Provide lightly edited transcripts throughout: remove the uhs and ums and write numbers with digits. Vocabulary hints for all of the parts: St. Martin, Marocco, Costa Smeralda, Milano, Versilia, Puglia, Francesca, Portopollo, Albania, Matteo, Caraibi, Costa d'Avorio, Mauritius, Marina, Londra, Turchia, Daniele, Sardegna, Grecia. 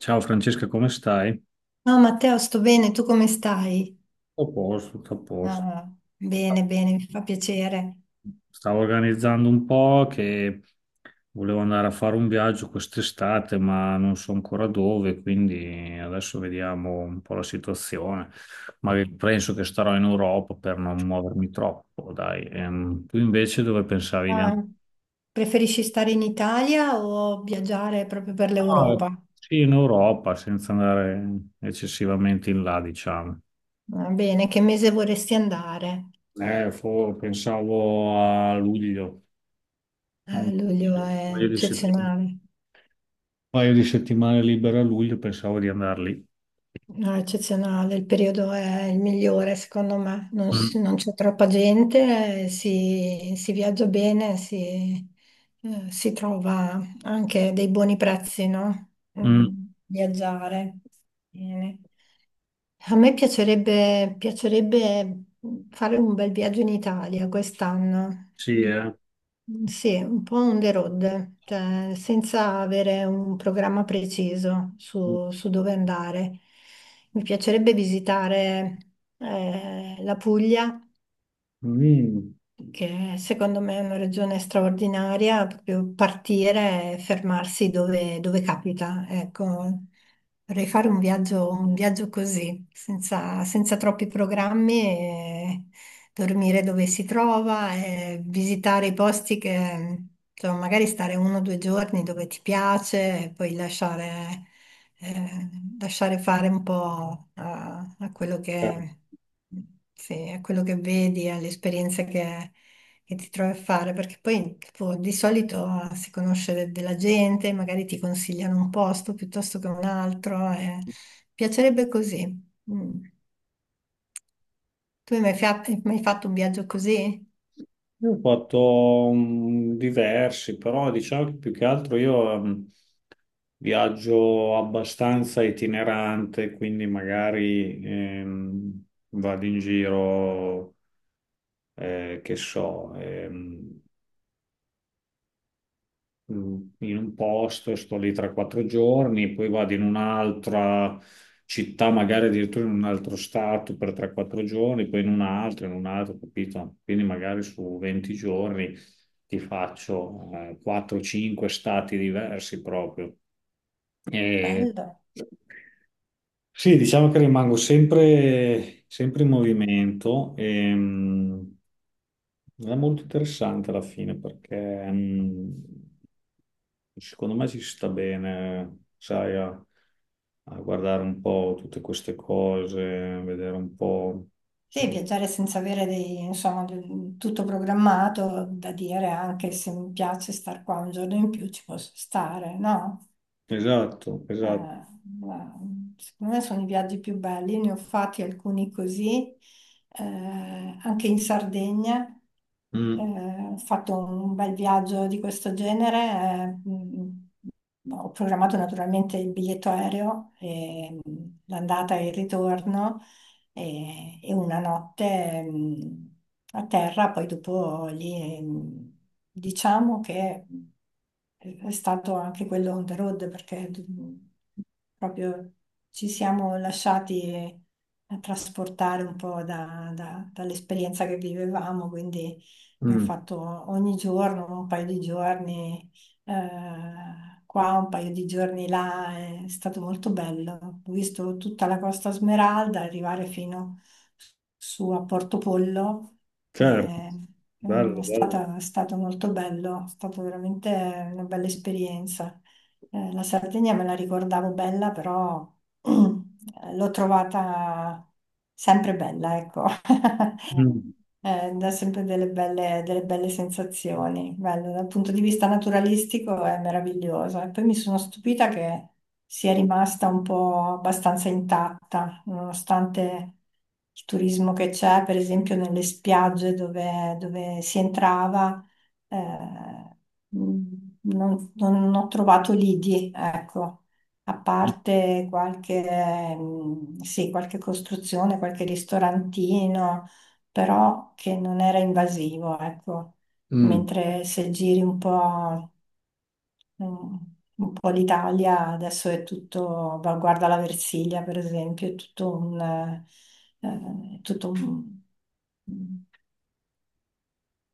Ciao Francesca, come stai? Tutto No, Matteo, sto bene, tu come stai? a posto, tutto a posto. Ah, bene, bene, mi fa piacere. Stavo organizzando un po' che volevo andare a fare un viaggio quest'estate, ma non so ancora dove, quindi adesso vediamo un po' la situazione. Ma penso che starò in Europa per non muovermi troppo, dai. Tu invece dove pensavi di andare? Ah, preferisci stare in Italia o viaggiare proprio per No, l'Europa? sì, in Europa, senza andare eccessivamente in là, diciamo. Va bene, che mese vorresti andare? Pensavo a luglio. Ah, Un luglio è paio di settimane. eccezionale. Paio di settimane libera a luglio, pensavo di andar lì. No, è eccezionale, il periodo è il migliore secondo me, non, Mm, non c'è troppa gente, si, si viaggia bene, si, si trova anche dei buoni prezzi, no? mm, Mm, viaggiare. Bene. A me piacerebbe fare un bel viaggio in Italia quest'anno. Sì, eh. Sì, un po' on the road, cioè senza avere un programma preciso su dove andare. Mi piacerebbe visitare la Puglia Mm. che secondo me è una regione straordinaria, proprio partire e fermarsi dove capita. Ecco, vorrei fare un viaggio così, senza troppi programmi, e dormire dove si trova, e visitare i posti che, insomma, magari stare uno o due giorni dove ti piace e poi lasciare eh, lasciare fare un po' a quello Eh. che, sì, a quello che vedi, alle esperienze che ti trovi a fare, perché poi tipo, di solito si conosce della gente, magari ti consigliano un posto piuttosto che un altro, e piacerebbe così. Mm. Tu hai mai, hai mai fatto un viaggio così? Io ho fatto diversi, però diciamo che più che altro io viaggio abbastanza itinerante, quindi magari vado in giro, che so, in un posto, sto lì 3-4 giorni, poi vado in un'altra città, magari addirittura in un altro stato per 3-4 giorni, poi in un altro, capito? Quindi magari su 20 giorni ti faccio 4-5 stati diversi proprio. E... Bello. Sì, diciamo che rimango sempre in movimento e è molto interessante alla fine perché secondo me ci sta bene, sai, a guardare un po' tutte queste cose, vedere un po'. Sì, viaggiare senza avere insomma, tutto programmato, da dire anche se mi piace star qua un giorno in più ci posso stare, no? Esatto, Eh, esatto. ma secondo me sono i viaggi più belli, ne ho fatti alcuni così, anche in Sardegna. Mm, Ho fatto un bel viaggio di questo genere, ho programmato naturalmente il biglietto aereo, e l'andata e il ritorno e una notte a terra, poi dopo lì diciamo che è stato anche quello on the road perché proprio ci siamo lasciati trasportare un po' dall'esperienza che vivevamo, quindi abbiamo mm, fatto ogni giorno un paio di giorni qua, un paio di giorni là, è stato molto bello. Ho visto tutta la Costa Smeralda arrivare fino su a Portopollo. certo, eh, bello, bello. È stato molto bello, è stata veramente una bella esperienza. La Sardegna me la ricordavo bella, però l'ho trovata sempre bella, ecco. Mm, Eh, dà sempre delle belle sensazioni. Bello, dal punto di vista naturalistico è meraviglioso. E poi mi sono stupita che sia rimasta un po' abbastanza intatta, nonostante il turismo che c'è, per esempio nelle spiagge dove si entrava, eh, non, non ho trovato lidi, ecco. A parte qualche, sì, qualche costruzione, qualche ristorantino, però che non era invasivo, ecco. mm. Mentre se giri un po', mm, un po' l'Italia, adesso è tutto, guarda la Versilia per esempio, è tutto un, eh, tutto un- mm,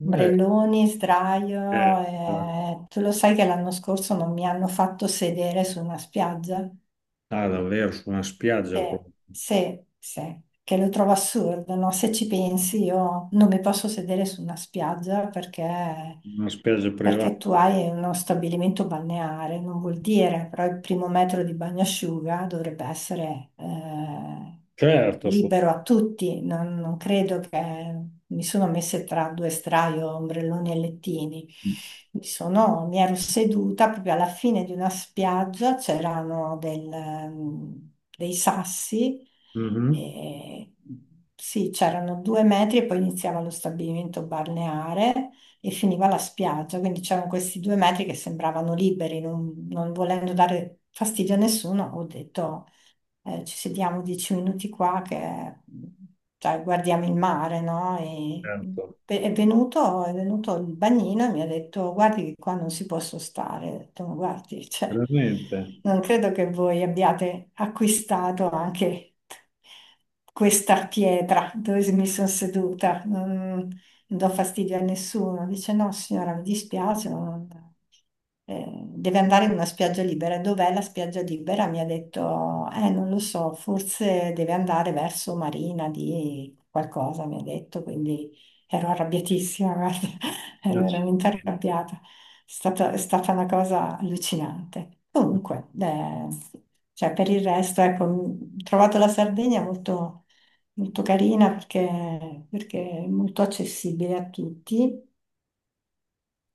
Eh, ombrelloni, sdraio. eh, Eh, tu lo sai che l'anno scorso non mi hanno fatto sedere su una spiaggia? ah, davvero, su una spiaggia Beh, proprio, sì, sì, che lo trovo assurdo, no? Se ci pensi, io non mi posso sedere su una spiaggia perché, una spiaggia perché tu privata. hai uno stabilimento balneare, non vuol dire, però il primo metro di bagnasciuga dovrebbe essere Certo, su- libero a tutti, non, non credo che mi sono messa tra due straio, ombrelloni e lettini. Mi ero seduta proprio alla fine di una spiaggia, c'erano dei sassi, Mhm, e, sì, c'erano due metri e poi iniziava lo stabilimento balneare e finiva la spiaggia, quindi c'erano questi due metri che sembravano liberi, non, non volendo dare fastidio a nessuno, ho detto ci sediamo dieci minuti qua che cioè, guardiamo il mare, no? E certo, è venuto il bagnino e mi ha detto, guardi che qua non si può stare. Ho detto, "Ma guardi, cioè, veramente. non credo che voi abbiate acquistato anche questa pietra dove mi sono seduta. Non do fastidio a nessuno." Dice no, signora, mi dispiace, deve andare in una spiaggia libera. E dov'è la spiaggia libera? Mi ha detto, non lo so, forse deve andare verso Marina di qualcosa, mi ha detto, quindi ero arrabbiatissima, guarda, ero veramente Accidenti. arrabbiata. È stata una cosa allucinante. Comunque, cioè, per il resto, ecco, ho trovato la Sardegna molto carina perché, perché è molto accessibile a tutti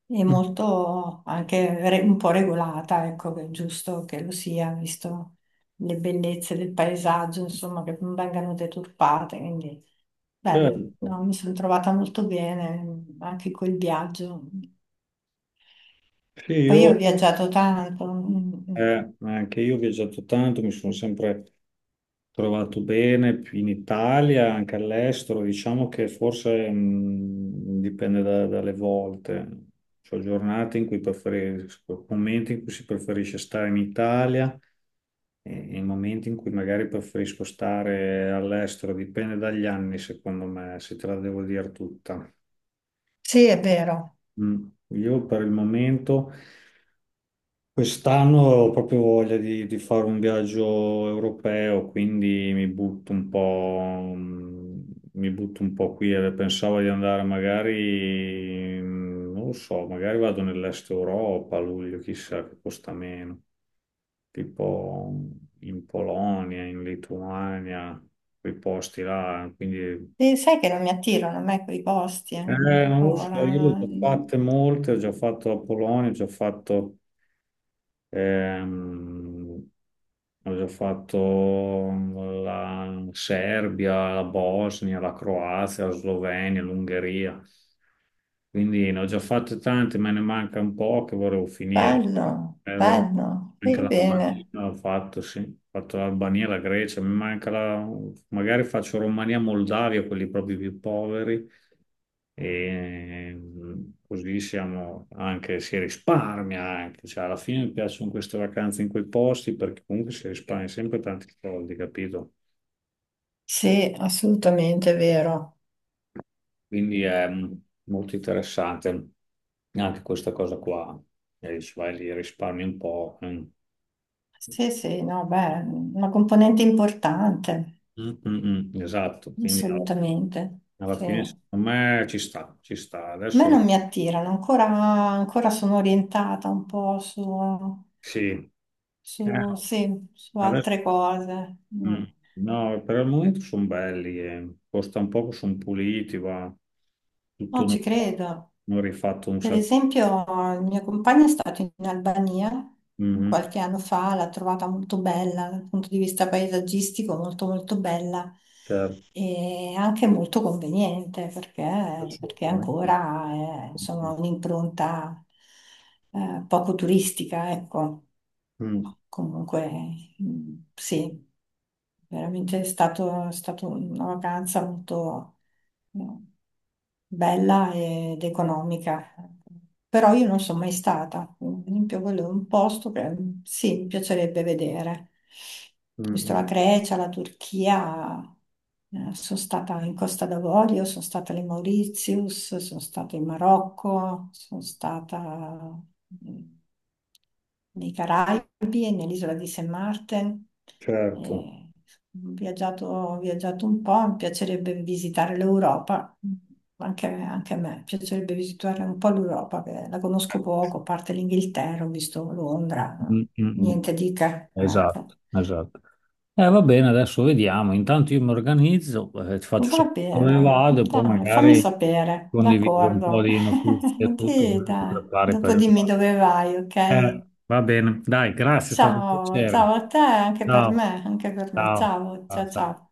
e molto anche un po' regolata, ecco, che è giusto che lo sia, visto le bellezze del paesaggio, insomma, che non vengano deturpate, quindi bello, Certo. no, mi sono trovata molto bene anche col viaggio. Sì, Poi io io. ho viaggiato tanto, Anche io ho viaggiato tanto, mi sono sempre trovato bene in Italia, anche all'estero. Diciamo che forse dipende dalle volte. C'ho giornate in cui preferisco, momenti in cui si preferisce stare in Italia e momenti in cui magari preferisco stare all'estero. Dipende dagli anni, secondo me, se te la devo dire tutta. sì, è vero. Mm. Io per il momento. Quest'anno ho proprio voglia di fare un viaggio europeo, quindi mi butto un po', mm, mi butto un po' qui. Pensavo di andare magari, non lo so, magari vado nell'est Europa a luglio, chissà che costa meno, tipo in Polonia, in Lituania, quei posti là, quindi... E sai che non mi attirano a me quei posti non lo so, io le ancora. ho già No, fatte molte, ho già fatto la Polonia, ho già fatto... Ehm, avevo fatto la Serbia, la Bosnia, la Croazia, la Slovenia, l'Ungheria. Quindi ne ho già fatte tante, me ne manca un po' che volevo finire. bello, Ero- bello, anche vai l'Albania bene. l'ho fatto, sì. Ho fatto l'Albania, la Grecia, mi manca la... magari faccio Romania, Moldavia, quelli proprio più poveri e così siamo anche, si risparmia anche, cioè alla fine mi piacciono queste vacanze in quei posti perché comunque si risparmia sempre tanti soldi, capito? Sì, assolutamente è vero. Quindi è molto interessante anche questa cosa qua, e dici vai lì risparmi un po'. Mm. Sì, sì, no, beh, una componente importante, Mm, mm, mm, esatto, quindi alla assolutamente. alla Sì. fine A secondo me ci sta, ci sta. me Adesso non mi attirano, ancora sono orientata un po' su, sì, eh, no, sì, su adesso. altre cose. Mm. No, No, per il momento sono belli, eh. Costa un poco, sono puliti, va tutto no, ci nuovo, credo. non rifatto un Per sacco. esempio, il mio compagno è stato in Albania Mhm, qualche anno fa, l'ha trovata molto bella dal punto di vista paesaggistico, molto molto bella certo, e anche molto conveniente perché, perché assolutamente, sì. ancora è, insomma, un'impronta poco turistica, ecco. Mm, Comunque, sì, veramente è stata una vacanza molto mm, bella ed economica. Però io non sono mai stata. Per esempio, quello è un posto che sì, mi piacerebbe vedere. mm, Visto mm, la Grecia, la Turchia, sono stata in Costa d'Avorio, sono stata alle Mauritius, sono stata in Marocco, sono stata nei Caraibi e nell'isola di St. Martin. certo. Eh, ho viaggiato un po', mi piacerebbe visitare l'Europa, anche, anche a me, piacerebbe visitare un po' l'Europa, che la conosco poco, a parte l'Inghilterra, ho visto Londra, Mm, no? mm, mm. Niente di che, Esatto, ecco. esatto. Va bene, adesso vediamo. Intanto io mi organizzo, ti faccio Va sapere dove bene, vado e poi dai, fammi magari sapere, condivido un po' d'accordo. di notizie e tutto, Sì, così ti dai, prepari per dopo il... dimmi dove vai, Eh, ok? va bene, dai, grazie, è stato un Ciao, piacere. ciao a te, anche per Ciao, me, anche per me. ciao, Ciao, ciao, ciao, ciao. ciao.